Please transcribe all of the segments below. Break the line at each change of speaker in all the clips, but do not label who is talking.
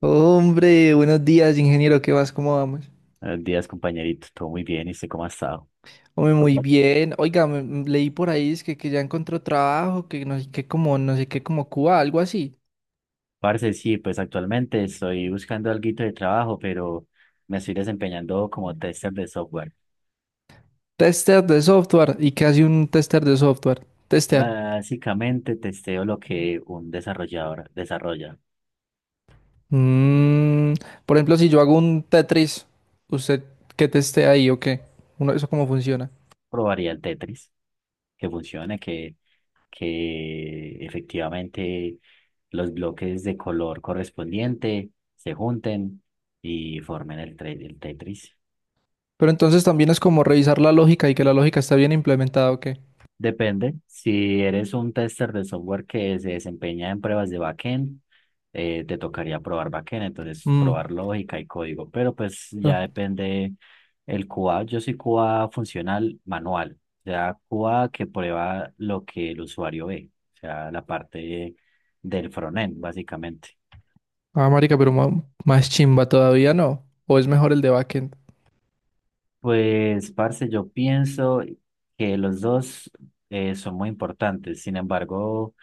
Hombre, buenos días, ingeniero, ¿qué vas? ¿Cómo vamos?
Buenos días, compañerito. Todo muy bien. ¿Y usted cómo ha estado?
Hombre, muy bien. Oiga, leí por ahí es que ya encontró trabajo, que no sé qué como, no sé qué como Cuba, algo así.
Parce, sí, pues actualmente estoy buscando alguito de trabajo, pero me estoy desempeñando como tester de software.
Tester de software. ¿Y qué hace un tester de software? Testear.
Básicamente testeo lo que un desarrollador desarrolla.
Mm, por ejemplo, si yo hago un Tetris, ¿usted qué testea ahí o qué? Uno, ¿eso cómo funciona?
Probaría el Tetris, que funcione, que efectivamente los bloques de color correspondiente se junten y formen el Tetris.
Pero entonces también es como revisar la lógica y que la lógica está bien implementada o qué.
Depende. Si eres un tester de software que se desempeña en pruebas de backend, te tocaría probar backend, entonces
Mm,
probar lógica y código. Pero pues ya
claro.
depende el QA. Yo soy QA funcional manual, o sea, QA que prueba lo que el usuario ve, o sea, la parte del frontend, básicamente.
Ah, marica, más chimba todavía, ¿no? ¿O es mejor el de backend?
Pues, parce, yo pienso que los dos son muy importantes. Sin embargo,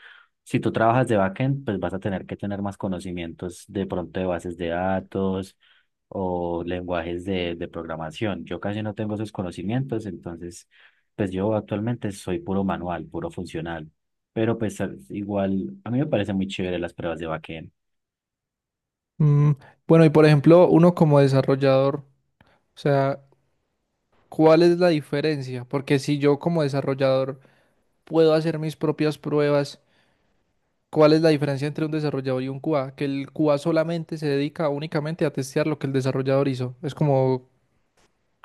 si tú trabajas de backend, pues vas a tener que tener más conocimientos de pronto de bases de datos o lenguajes de programación. Yo casi no tengo esos conocimientos, entonces, pues yo actualmente soy puro manual, puro funcional. Pero pues igual, a mí me parecen muy chévere las pruebas de backend.
Mm, bueno, y por ejemplo, uno como desarrollador, o sea, ¿cuál es la diferencia? Porque si yo como desarrollador puedo hacer mis propias pruebas, ¿cuál es la diferencia entre un desarrollador y un QA? Que el QA solamente se dedica únicamente a testear lo que el desarrollador hizo. Es como,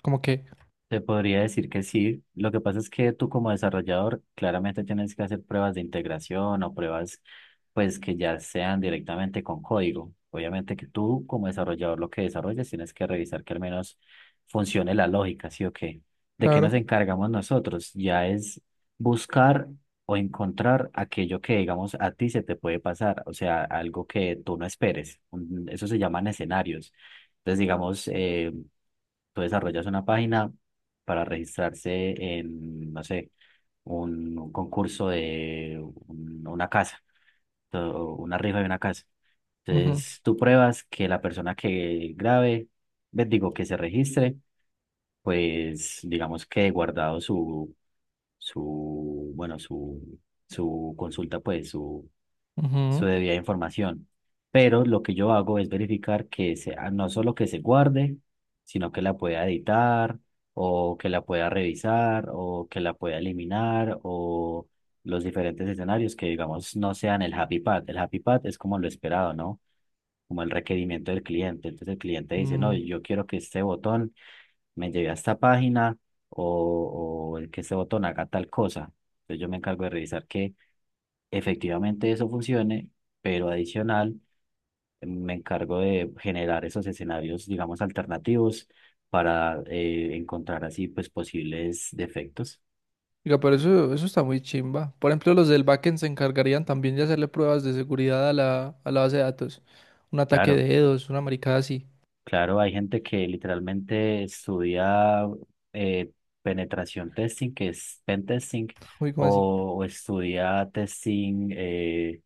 como que,
Te podría decir que sí. Lo que pasa es que tú como desarrollador claramente tienes que hacer pruebas de integración o pruebas pues que ya sean directamente con código. Obviamente que tú como desarrollador lo que desarrollas tienes que revisar que al menos funcione la lógica, ¿sí o qué? ¿De qué
claro.
nos encargamos nosotros? Ya es buscar o encontrar aquello que digamos a ti se te puede pasar, o sea, algo que tú no esperes. Eso se llaman escenarios. Entonces, digamos, tú desarrollas una página para registrarse en, no sé, un concurso de una casa, o una rifa de una casa.
Ujú,
Entonces, tú pruebas que la persona que grabe, ve, digo, que se registre, pues digamos que guardado su su consulta, pues su
ujú,
debida información. Pero lo que yo hago es verificar que sea no solo que se guarde, sino que la pueda editar o que la pueda revisar o que la pueda eliminar o los diferentes escenarios que digamos no sean el happy path. El happy path es como lo esperado, ¿no? Como el requerimiento del cliente. Entonces el cliente dice, no,
mm.
yo quiero que este botón me lleve a esta página o que este botón haga tal cosa. Entonces yo me encargo de revisar que efectivamente eso funcione, pero adicional me encargo de generar esos escenarios, digamos, alternativos para encontrar así pues posibles defectos.
Diga, pero eso está muy chimba. Por ejemplo, los del backend se encargarían también de hacerle pruebas de seguridad a a la base de datos. Un ataque
Claro,
de dedos, una maricada así.
claro, hay gente que literalmente estudia eh, penetración testing, que es pen testing,
Uy, ¿cómo así?
o estudia testing,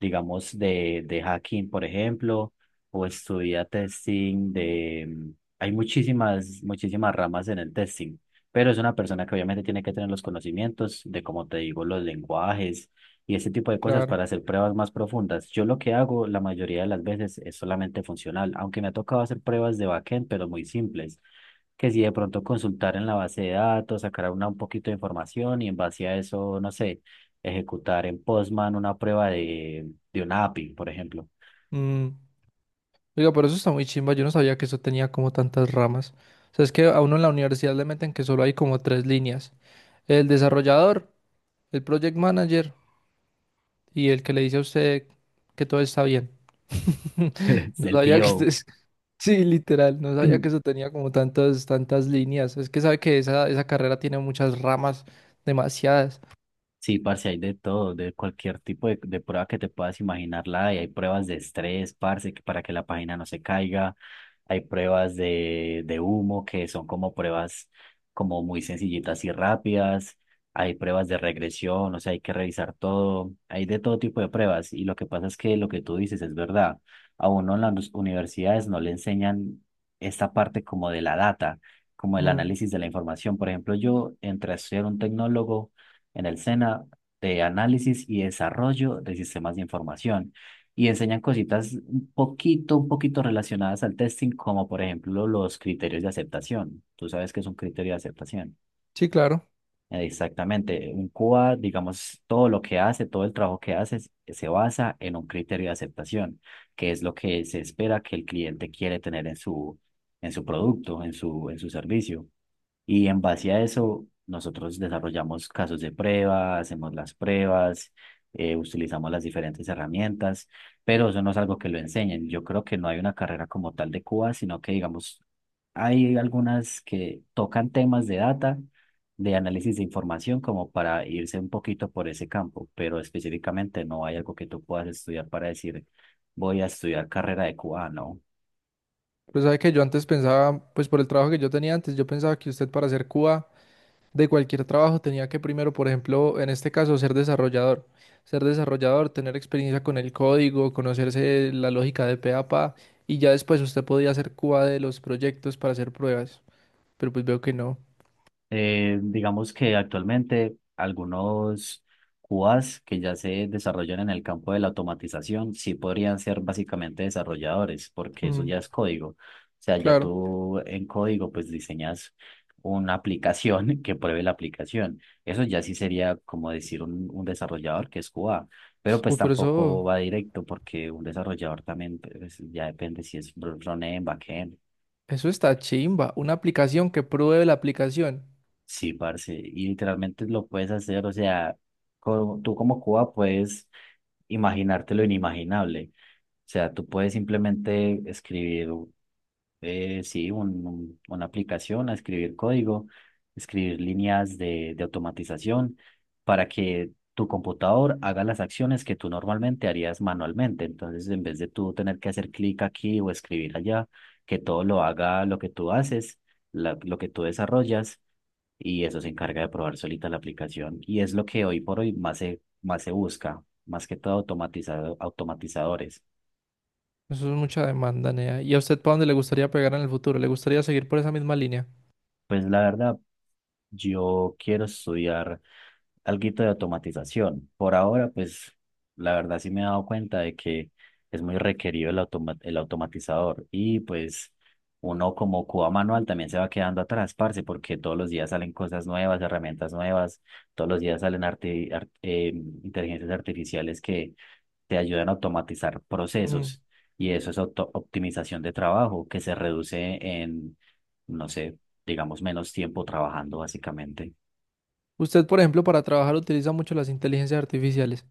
digamos, de hacking, por ejemplo, o estudia testing de... hay muchísimas, muchísimas ramas en el testing, pero es una persona que obviamente tiene que tener los conocimientos de, como te digo, los lenguajes y ese tipo
Sí,
de cosas
claro.
para hacer pruebas más profundas. Yo lo que hago la mayoría de las veces es solamente funcional, aunque me ha tocado hacer pruebas de backend, pero muy simples que si de pronto consultar en la base de datos, sacar una, un poquito de información y en base a eso, no sé, ejecutar en Postman una prueba de un API, por ejemplo,
Mm, oiga, pero eso está muy chimba. Yo no sabía que eso tenía como tantas ramas. O sea, es que a uno en la universidad le meten que solo hay como tres líneas. El desarrollador, el project manager y el que le dice a usted que todo está bien. No
del
sabía que...
PO.
es- Sí, literal, no sabía que eso tenía como tantas líneas. Es que sabe que esa carrera tiene muchas ramas, demasiadas.
Sí, parce, hay de todo, de cualquier tipo de prueba que te puedas imaginar, la hay. Hay pruebas de estrés, parce, que para que la página no se caiga. Hay pruebas de humo, que son como pruebas como muy sencillitas y rápidas. Hay pruebas de regresión, o sea, hay que revisar todo. Hay de todo tipo de pruebas. Y lo que pasa es que lo que tú dices es verdad. A uno en las universidades no le enseñan esta parte como de la data, como el
Mm,
análisis de la información. Por ejemplo, yo entré a estudiar un tecnólogo en el SENA de análisis y desarrollo de sistemas de información. Y enseñan cositas un poquito relacionadas al testing, como por ejemplo los criterios de aceptación. Tú sabes que es un criterio de aceptación.
sí, claro.
Exactamente. Un QA, digamos, todo lo que hace, todo el trabajo que hace se basa en un criterio de aceptación, que es lo que se espera que el cliente quiere tener en su producto, en su servicio. Y en base a eso, nosotros desarrollamos casos de prueba, hacemos las pruebas, utilizamos las diferentes herramientas, pero eso no es algo que lo enseñen. Yo creo que no hay una carrera como tal de Cuba, sino que, digamos, hay algunas que tocan temas de data, de análisis de información, como para irse un poquito por ese campo, pero específicamente no hay algo que tú puedas estudiar para decir, voy a estudiar carrera de Cuba, no.
Pero sabe que yo antes pensaba, pues por el trabajo que yo tenía antes, yo pensaba que usted para hacer Cuba de cualquier trabajo tenía que primero, por ejemplo, en este caso, ser desarrollador. Ser desarrollador, tener experiencia con el código, conocerse la lógica de pe a pa, y ya después usted podía hacer cuba de los proyectos para hacer pruebas. Pero pues veo que no.
Digamos que actualmente algunos QAs que ya se desarrollan en el campo de la automatización sí podrían ser básicamente desarrolladores, porque eso
Mm,
ya es código. O sea, ya
claro.
tú en código pues diseñas una aplicación que pruebe la aplicación. Eso ya sí sería como decir un desarrollador que es QA, pero pues
Uy, pero
tampoco va directo porque un desarrollador también pues, ya depende si es front-end, backend,
eso está chimba. Una aplicación que pruebe la aplicación.
sí, parce, y literalmente lo puedes hacer, o sea, tú como Cuba puedes imaginarte lo inimaginable, o sea, tú puedes simplemente escribir, sí, una aplicación, a escribir código, escribir líneas de automatización para que tu computador haga las acciones que tú normalmente harías manualmente, entonces en vez de tú tener que hacer clic aquí o escribir allá, que todo lo haga lo que tú haces, lo que tú desarrollas y eso se encarga de probar solita la aplicación. Y es lo que hoy por hoy más se busca, más que todo automatizado, automatizadores.
Eso es mucha demanda, Nea. ¿Y a usted para dónde le gustaría pegar en el futuro? ¿Le gustaría seguir por esa misma línea?
Pues la verdad, yo quiero estudiar alguito de automatización. Por ahora, pues la verdad sí me he dado cuenta de que es muy requerido el automatizador y pues... Uno como cuba manual también se va quedando atrás, parce, porque todos los días salen cosas nuevas, herramientas nuevas, todos los días salen inteligencias artificiales que, te ayudan a automatizar
Mm.
procesos y eso es optimización de trabajo que se reduce en, no sé, digamos, menos tiempo trabajando básicamente.
Usted, por ejemplo, para trabajar utiliza mucho las inteligencias artificiales,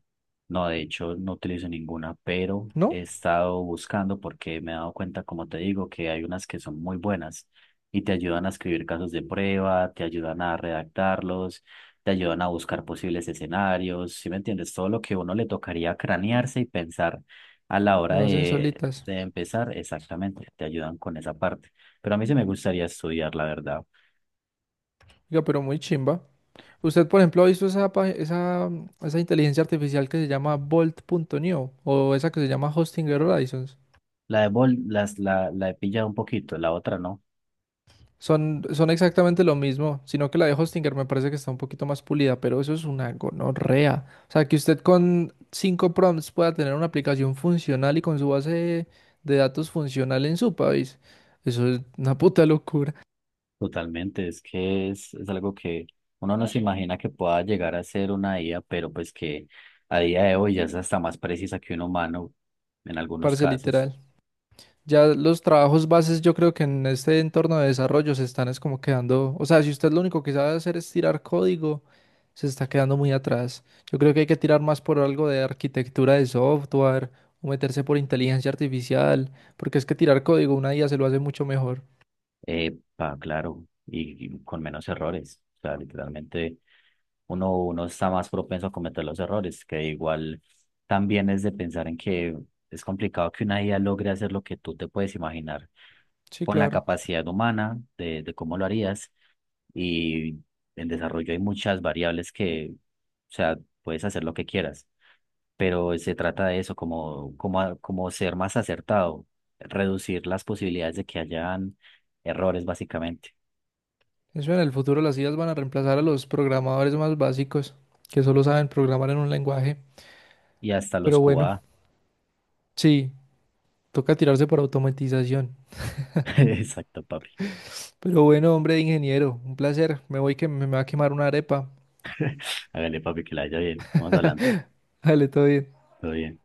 No, de hecho no utilizo ninguna, pero he
¿no?
estado buscando porque me he dado cuenta, como te digo, que hay unas que son muy buenas y te ayudan a escribir casos de prueba, te ayudan a redactarlos, te ayudan a buscar posibles escenarios, ¿sí me entiendes? Todo lo que a uno le tocaría cranearse y pensar a la hora
Lo hacen solitas.
de empezar, exactamente, te ayudan con esa parte. Pero a mí sí me gustaría estudiar, la verdad.
Oiga, pero muy chimba. ¿Usted, por ejemplo, ha visto esa, esa inteligencia artificial que se llama Bolt? ¿Bolt.neo o esa que se llama Hostinger Horizons?
La de bol, la he pillado un poquito, la otra no.
Son exactamente lo mismo, sino que la de Hostinger me parece que está un poquito más pulida, pero eso es una gonorrea. O sea, que usted con 5 prompts pueda tener una aplicación funcional y con su base de datos funcional en su país. Eso es una puta locura,
Totalmente, es que es algo que uno no se imagina que pueda llegar a ser una IA, pero pues que a día de hoy ya es hasta más precisa que un humano en algunos
parce,
casos,
literal. Ya los trabajos bases yo creo que en este entorno de desarrollo se están es como quedando, o sea, si usted lo único que sabe hacer es tirar código, se está quedando muy atrás. Yo creo que hay que tirar más por algo de arquitectura de software o meterse por inteligencia artificial, porque es que tirar código una IA se lo hace mucho mejor.
eh, claro, y con menos errores. O sea, literalmente uno está más propenso a cometer los errores, que igual también es de pensar en que es complicado que una IA logre hacer lo que tú te puedes imaginar
Sí,
con la
claro.
capacidad humana de cómo lo harías. Y en desarrollo hay muchas variables que, o sea, puedes hacer lo que quieras, pero se trata de eso, como ser más acertado, reducir las posibilidades de que hayan errores, básicamente.
Eso en el futuro las IAs van a reemplazar a los programadores más básicos que solo saben programar en un lenguaje.
Y hasta los
Pero bueno,
QA.
sí, toca tirarse por automatización.
Exacto, papi.
Pero bueno, hombre, ingeniero, un placer. Me voy que me va a quemar una arepa.
Hágale, papi, que la haya bien. Vamos hablando.
Dale, todo bien.
Todo bien.